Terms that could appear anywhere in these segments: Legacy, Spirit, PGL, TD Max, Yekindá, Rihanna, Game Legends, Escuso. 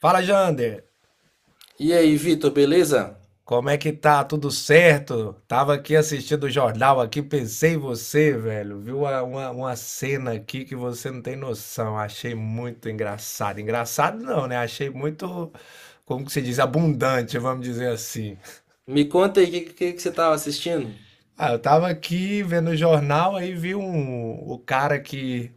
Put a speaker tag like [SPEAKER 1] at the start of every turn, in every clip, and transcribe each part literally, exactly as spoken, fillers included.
[SPEAKER 1] Fala, Jander.
[SPEAKER 2] E aí, Vitor, beleza?
[SPEAKER 1] Como é que tá? Tudo certo? Tava aqui assistindo o jornal aqui, pensei em você, velho. Viu uma, uma, uma cena aqui que você não tem noção. Achei muito engraçado. Engraçado não, né? Achei muito, como que se diz, abundante, vamos dizer assim.
[SPEAKER 2] Me conta aí o que, que, que você tava assistindo?
[SPEAKER 1] Ah, eu tava aqui vendo o jornal, aí vi um, o cara que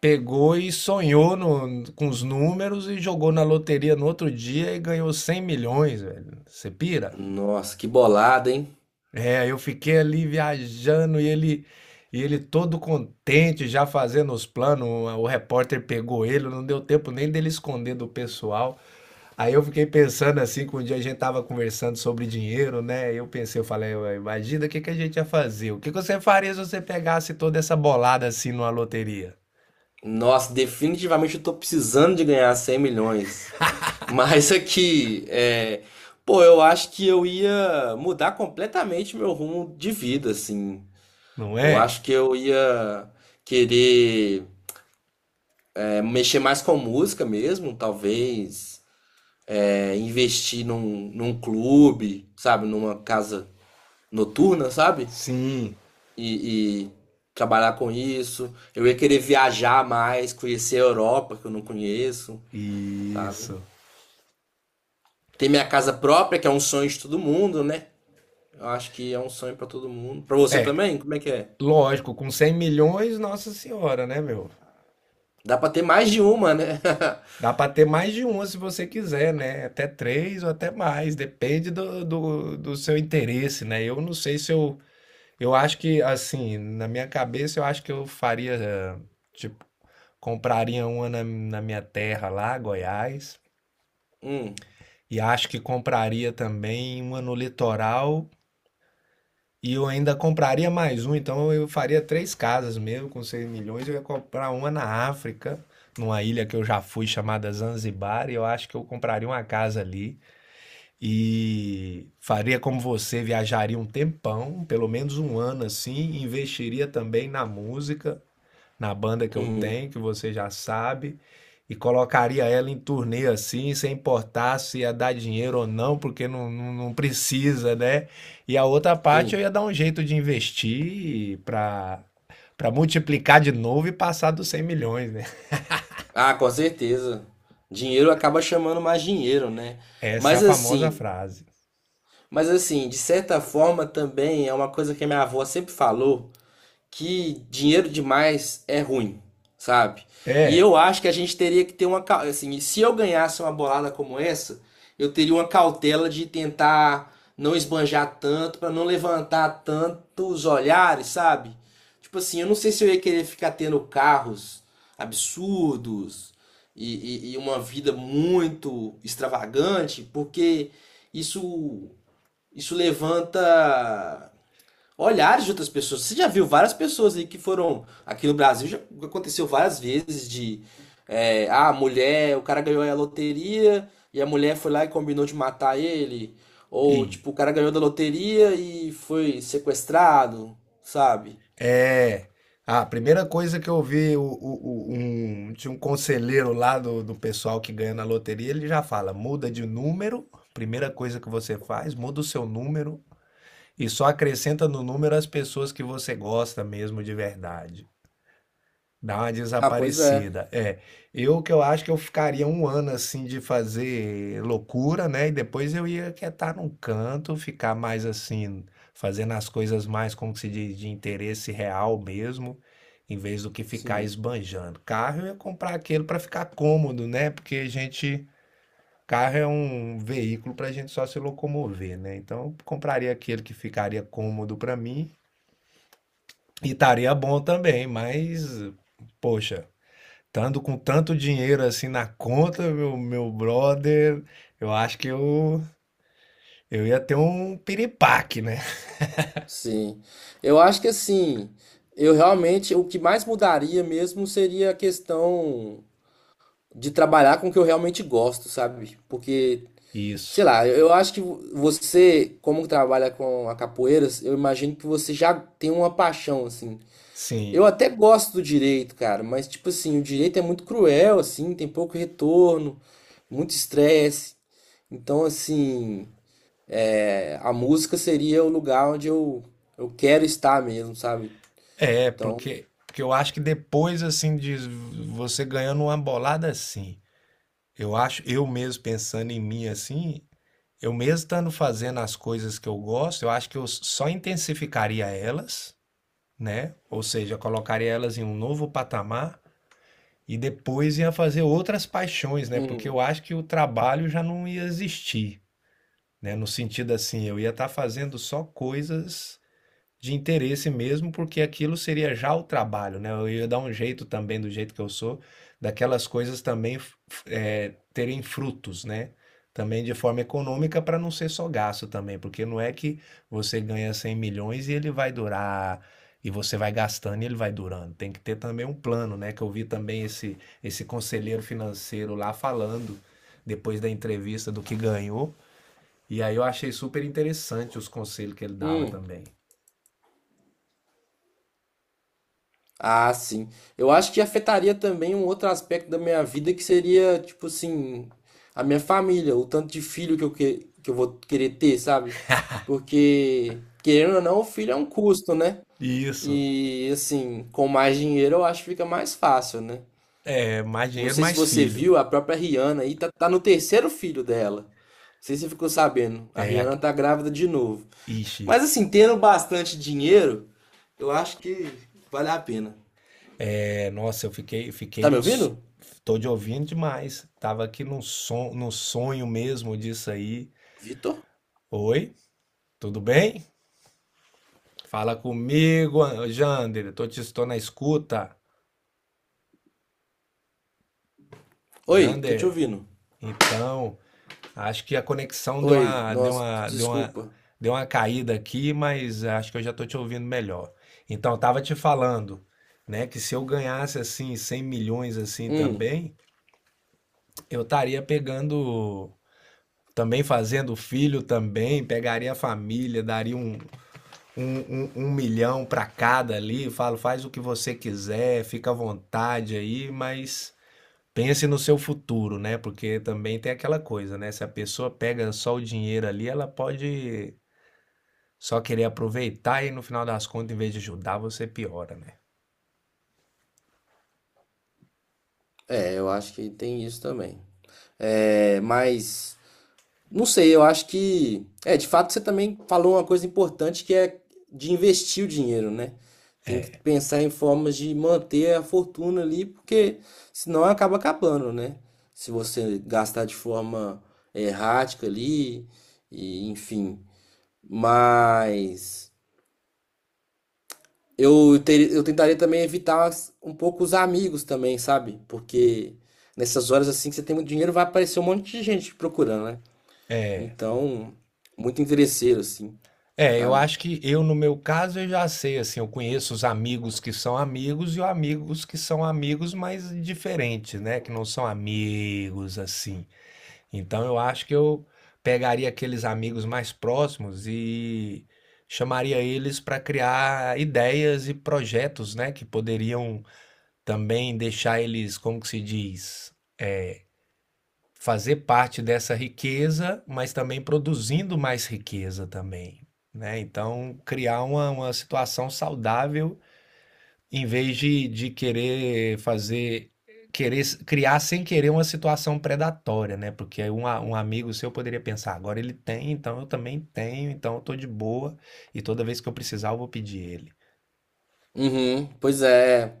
[SPEAKER 1] pegou e sonhou no- com os números e jogou na loteria no outro dia e ganhou cem milhões, velho. Você pira?
[SPEAKER 2] Nossa, que bolada, hein?
[SPEAKER 1] É, eu fiquei ali viajando e ele e ele todo contente, já fazendo os planos. O repórter pegou ele, não deu tempo nem dele esconder do pessoal. Aí eu fiquei pensando assim, que um dia a gente tava conversando sobre dinheiro, né? Eu pensei, eu falei, "Ué, imagina o que que a gente ia fazer? O que que você faria se você pegasse toda essa bolada assim numa loteria?
[SPEAKER 2] Nossa, definitivamente eu tô precisando de ganhar cem milhões. Mas aqui, é... pô, eu acho que eu ia mudar completamente meu rumo de vida, assim.
[SPEAKER 1] Não
[SPEAKER 2] Eu
[SPEAKER 1] é?
[SPEAKER 2] acho que eu ia querer é, mexer mais com música mesmo, talvez. É, investir num, num clube, sabe? Numa casa noturna, sabe?
[SPEAKER 1] Sim.
[SPEAKER 2] e, e trabalhar com isso. Eu ia querer viajar mais, conhecer a Europa, que eu não conheço, sabe?
[SPEAKER 1] Isso.
[SPEAKER 2] Ter minha casa própria, que é um sonho de todo mundo, né? Eu acho que é um sonho pra todo mundo. Pra você também? Como é que é?
[SPEAKER 1] Lógico, com cem milhões, nossa senhora, né, meu?
[SPEAKER 2] Dá pra ter mais de uma, né?
[SPEAKER 1] Dá para ter mais de uma se você quiser, né? Até três ou até mais, depende do, do, do seu interesse, né? Eu não sei se eu. Eu acho que, assim, na minha cabeça, eu acho que eu faria. eh, Tipo, compraria uma na, na minha terra lá, Goiás.
[SPEAKER 2] Hum,
[SPEAKER 1] E acho que compraria também uma no litoral. E eu ainda compraria mais um, então eu faria três casas mesmo, com seis milhões. Eu ia comprar uma na África, numa ilha que eu já fui chamada Zanzibar. E eu acho que eu compraria uma casa ali. E faria como você, viajaria um tempão, pelo menos um ano assim, investiria também na música, na banda que eu
[SPEAKER 2] uhum,
[SPEAKER 1] tenho, que você já sabe, e colocaria ela em turnê assim, sem importar se ia dar dinheiro ou não, porque não, não, não precisa, né? E a outra parte eu
[SPEAKER 2] sim.
[SPEAKER 1] ia dar um jeito de investir para para multiplicar de novo e passar dos cem milhões, né?
[SPEAKER 2] Ah, com certeza. Dinheiro acaba chamando mais dinheiro, né?
[SPEAKER 1] Essa é a
[SPEAKER 2] Mas
[SPEAKER 1] famosa
[SPEAKER 2] assim,
[SPEAKER 1] frase.
[SPEAKER 2] mas assim, de certa forma também é uma coisa que a minha avó sempre falou. que dinheiro demais é ruim, sabe? E
[SPEAKER 1] É,
[SPEAKER 2] eu acho que a gente teria que ter uma. Assim, se eu ganhasse uma bolada como essa, eu teria uma cautela de tentar não esbanjar tanto, para não levantar tantos olhares, sabe? Tipo assim, eu não sei se eu ia querer ficar tendo carros absurdos e, e- e uma vida muito extravagante, porque isso, isso levanta olhares de outras pessoas. Você já viu várias pessoas aí que foram. Aqui no Brasil já aconteceu várias vezes de. É, ah, a mulher, o cara ganhou a loteria e a mulher foi lá e combinou de matar ele.
[SPEAKER 1] e
[SPEAKER 2] Ou, tipo, o cara ganhou da loteria e foi sequestrado, sabe?
[SPEAKER 1] É. Ah, a primeira coisa que eu vi, o, o- o- um, tinha um conselheiro lá do, do pessoal que ganha na loteria, ele já fala: muda de número, primeira coisa que você faz, muda o seu número e só acrescenta no número as pessoas que você gosta mesmo de verdade. Dá uma
[SPEAKER 2] Ah, pois é.
[SPEAKER 1] desaparecida. É, eu que eu acho que eu ficaria um ano assim de fazer loucura, né? E depois eu ia quietar num canto, ficar mais assim, fazendo as coisas mais, como que se diz, de interesse real mesmo, em vez do que ficar
[SPEAKER 2] Sim,
[SPEAKER 1] esbanjando. Carro eu ia comprar aquele para ficar cômodo, né? Porque a gente, carro é um veículo para a gente só se locomover, né? Então eu compraria aquele que ficaria cômodo para mim e estaria bom também, mas, poxa. Estando com tanto dinheiro assim na conta, meu, meu brother, eu acho que eu, eu ia ter um piripaque, né?
[SPEAKER 2] sim. Eu acho que assim, eu realmente, o que mais mudaria mesmo seria a questão de trabalhar com o que eu realmente gosto, sabe? Porque
[SPEAKER 1] Isso.
[SPEAKER 2] sei lá, eu acho que você, como trabalha com a capoeira, eu imagino que você já tem uma paixão, assim. Eu
[SPEAKER 1] Sim.
[SPEAKER 2] até gosto do direito, cara, mas, tipo assim, o direito é muito cruel, assim, tem pouco retorno, muito estresse. Então, assim, é, a música seria o lugar onde eu, eu quero estar mesmo, sabe?
[SPEAKER 1] É,
[SPEAKER 2] Então,
[SPEAKER 1] porque, porque eu acho que depois assim de você ganhando uma bolada assim, eu acho, eu mesmo pensando em mim assim, eu mesmo estando fazendo as coisas que eu gosto, eu acho que eu só intensificaria elas, né? Ou seja, colocaria elas em um novo patamar e depois ia fazer outras paixões, né? Porque eu
[SPEAKER 2] hum,
[SPEAKER 1] acho que o trabalho já não ia existir, né? No sentido assim, eu ia estar fazendo só coisas de interesse mesmo, porque aquilo seria já o trabalho, né? Eu ia dar um jeito também, do jeito que eu sou, daquelas coisas também f- é, terem frutos, né? Também de forma econômica, para não ser só gasto também, porque não é que você ganha cem milhões e ele vai durar, e você vai gastando e ele vai durando. Tem que ter também um plano, né? Que eu vi também esse, esse conselheiro financeiro lá falando, depois da entrevista, do que ganhou. E aí eu achei super interessante os conselhos que ele dava
[SPEAKER 2] hum.
[SPEAKER 1] também.
[SPEAKER 2] Ah, sim. Eu acho que afetaria também um outro aspecto da minha vida que seria, tipo assim, a minha família, o tanto de filho que eu, que, que eu vou querer ter, sabe? Porque, querendo ou não, o filho é um custo, né?
[SPEAKER 1] Isso.
[SPEAKER 2] E, assim, com mais dinheiro eu acho que fica mais fácil, né?
[SPEAKER 1] É mais
[SPEAKER 2] Não
[SPEAKER 1] dinheiro,
[SPEAKER 2] sei se
[SPEAKER 1] mais
[SPEAKER 2] você
[SPEAKER 1] filho.
[SPEAKER 2] viu, a própria Rihanna aí tá, tá no terceiro filho dela. Não sei se você ficou sabendo. A
[SPEAKER 1] É, a-
[SPEAKER 2] Rihanna tá grávida de novo.
[SPEAKER 1] ixi.
[SPEAKER 2] Mas, assim, tendo bastante dinheiro, eu acho que vale a pena.
[SPEAKER 1] É, nossa, eu fiquei, fiquei
[SPEAKER 2] Tá me
[SPEAKER 1] nos.
[SPEAKER 2] ouvindo?
[SPEAKER 1] Tô te ouvindo demais. Tava aqui num son, num sonho mesmo disso aí.
[SPEAKER 2] Vitor?
[SPEAKER 1] Oi, tudo bem? Fala comigo, An- Jander. Tô te estou na escuta.
[SPEAKER 2] Oi, tô te
[SPEAKER 1] Jander,
[SPEAKER 2] ouvindo.
[SPEAKER 1] então, acho que a conexão deu
[SPEAKER 2] Oi,
[SPEAKER 1] uma, deu
[SPEAKER 2] nossa,
[SPEAKER 1] uma, deu uma,
[SPEAKER 2] desculpa.
[SPEAKER 1] deu uma caída aqui, mas acho que eu já tô te ouvindo melhor. Então, eu tava te falando, né, que se eu ganhasse assim cem milhões assim
[SPEAKER 2] Hum,
[SPEAKER 1] também, eu estaria pegando. Também fazendo filho também, pegaria a família, daria um, um, um, um milhão para cada ali. Falo, faz o que você quiser, fica à vontade aí, mas pense no seu futuro, né? Porque também tem aquela coisa, né? Se a pessoa pega só o dinheiro ali, ela pode só querer aproveitar e no final das contas, em vez de ajudar, você piora, né?
[SPEAKER 2] é, eu acho que tem isso também. É, mas não sei, eu acho que é, de fato você também falou uma coisa importante que é de investir o dinheiro, né? Tem que
[SPEAKER 1] É.
[SPEAKER 2] pensar em formas de manter a fortuna ali, porque senão acaba acabando, né? Se você gastar de forma é, errática ali, e enfim. Mas Eu, ter, eu tentaria também evitar as- um pouco os amigos também, sabe? Porque nessas horas assim que você tem muito dinheiro, vai aparecer um monte de gente te procurando, né? Então, muito interesseiro, assim,
[SPEAKER 1] É, eu
[SPEAKER 2] sabe?
[SPEAKER 1] acho que eu, no meu caso, eu já sei, assim, eu conheço os amigos que são amigos e os amigos que são amigos, mas diferentes, né? Que não são amigos, assim. Então eu acho que eu pegaria aqueles amigos mais próximos e chamaria eles para criar ideias e projetos, né? Que poderiam também deixar eles, como que se diz? Fazer parte dessa riqueza, mas também produzindo mais riqueza também, né? Então, criar uma, uma situação saudável em vez de, de querer fazer querer criar sem querer uma situação predatória, né? Porque aí um, a- um amigo seu poderia pensar, agora ele tem, então eu também tenho, então eu tô de boa e toda vez que eu precisar eu vou pedir ele.
[SPEAKER 2] Uhum, pois é.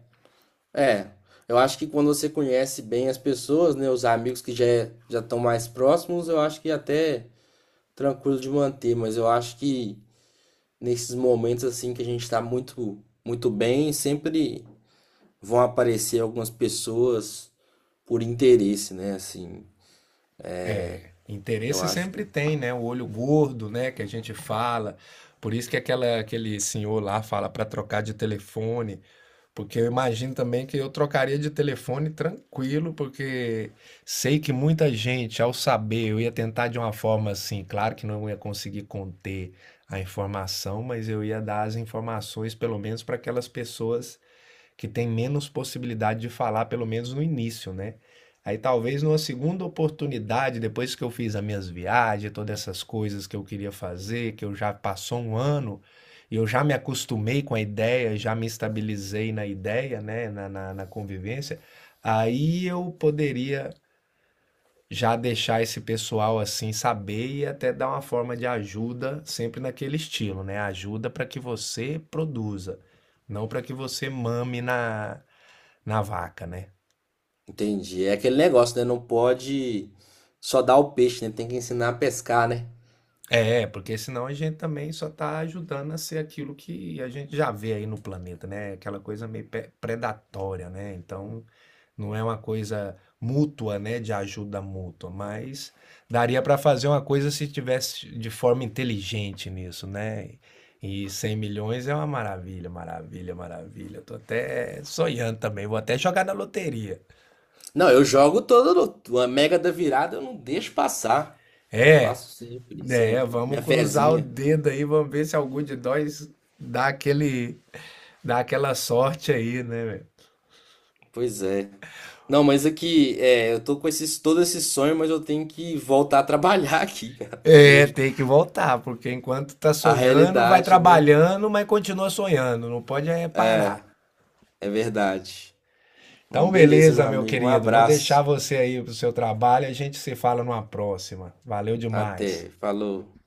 [SPEAKER 2] É. Eu acho que quando você conhece bem as pessoas, né? Os amigos que já é- já estão mais próximos, eu acho que é até tranquilo de manter, mas eu acho que nesses momentos assim que a gente tá muito, muito bem, sempre vão aparecer algumas pessoas por interesse, né? Assim, eu
[SPEAKER 1] Interesse
[SPEAKER 2] acho
[SPEAKER 1] sempre
[SPEAKER 2] que
[SPEAKER 1] tem, né? O olho gordo, né? Que a gente fala. Por isso que aquela, aquele senhor lá fala para trocar de telefone. Porque eu imagino também que eu trocaria de telefone tranquilo, porque sei que muita gente, ao saber, eu ia tentar de uma forma assim, claro que não ia conseguir conter a informação, mas eu ia dar as informações, pelo menos, para aquelas pessoas que tem menos possibilidade de falar, pelo menos no início, né? Aí talvez numa segunda oportunidade, depois que eu fiz as minhas viagens, todas essas coisas que eu queria fazer, que eu já passou um ano e eu já me acostumei com a ideia, já me estabilizei na ideia, né, na, na, na convivência, aí eu poderia já deixar esse pessoal assim saber e até dar uma forma de ajuda sempre naquele estilo, né? Ajuda para que você produza, não para que você mame na na vaca, né?
[SPEAKER 2] entendi. É aquele negócio, né? Não pode só dar o peixe, né? Tem que ensinar a pescar, né?
[SPEAKER 1] É, porque senão a gente também só está ajudando a ser aquilo que a gente já vê aí no planeta, né? Aquela coisa meio pe- predatória, né? Então não é uma coisa mútua, né? De ajuda mútua, mas daria para fazer uma coisa se tivesse de forma inteligente nisso, né? E cem milhões é uma maravilha, maravilha, maravilha. Tô até sonhando também, vou até jogar na loteria.
[SPEAKER 2] Não, eu jogo todo uma mega da virada, eu não deixo passar.
[SPEAKER 1] É.
[SPEAKER 2] Faço sempre,
[SPEAKER 1] É,
[SPEAKER 2] sempre. Minha
[SPEAKER 1] vamos cruzar o
[SPEAKER 2] fezinha.
[SPEAKER 1] dedo aí, vamos ver se algum de nós dá aquele, dá aquela sorte aí, né, velho?
[SPEAKER 2] Pois é. Não, mas aqui, é, eu tô com esses, todo esse sonho, mas eu tenho que voltar a trabalhar aqui, cara,
[SPEAKER 1] É,
[SPEAKER 2] porque
[SPEAKER 1] tem que voltar, porque enquanto tá
[SPEAKER 2] a
[SPEAKER 1] sonhando, vai
[SPEAKER 2] realidade, né?
[SPEAKER 1] trabalhando, mas continua sonhando, não pode é parar.
[SPEAKER 2] É verdade. Bom,
[SPEAKER 1] Então,
[SPEAKER 2] beleza, meu
[SPEAKER 1] beleza, meu
[SPEAKER 2] amigo. Um
[SPEAKER 1] querido, vou deixar
[SPEAKER 2] abraço.
[SPEAKER 1] você aí pro seu trabalho, a gente se fala numa próxima. Valeu demais.
[SPEAKER 2] Até. Falou.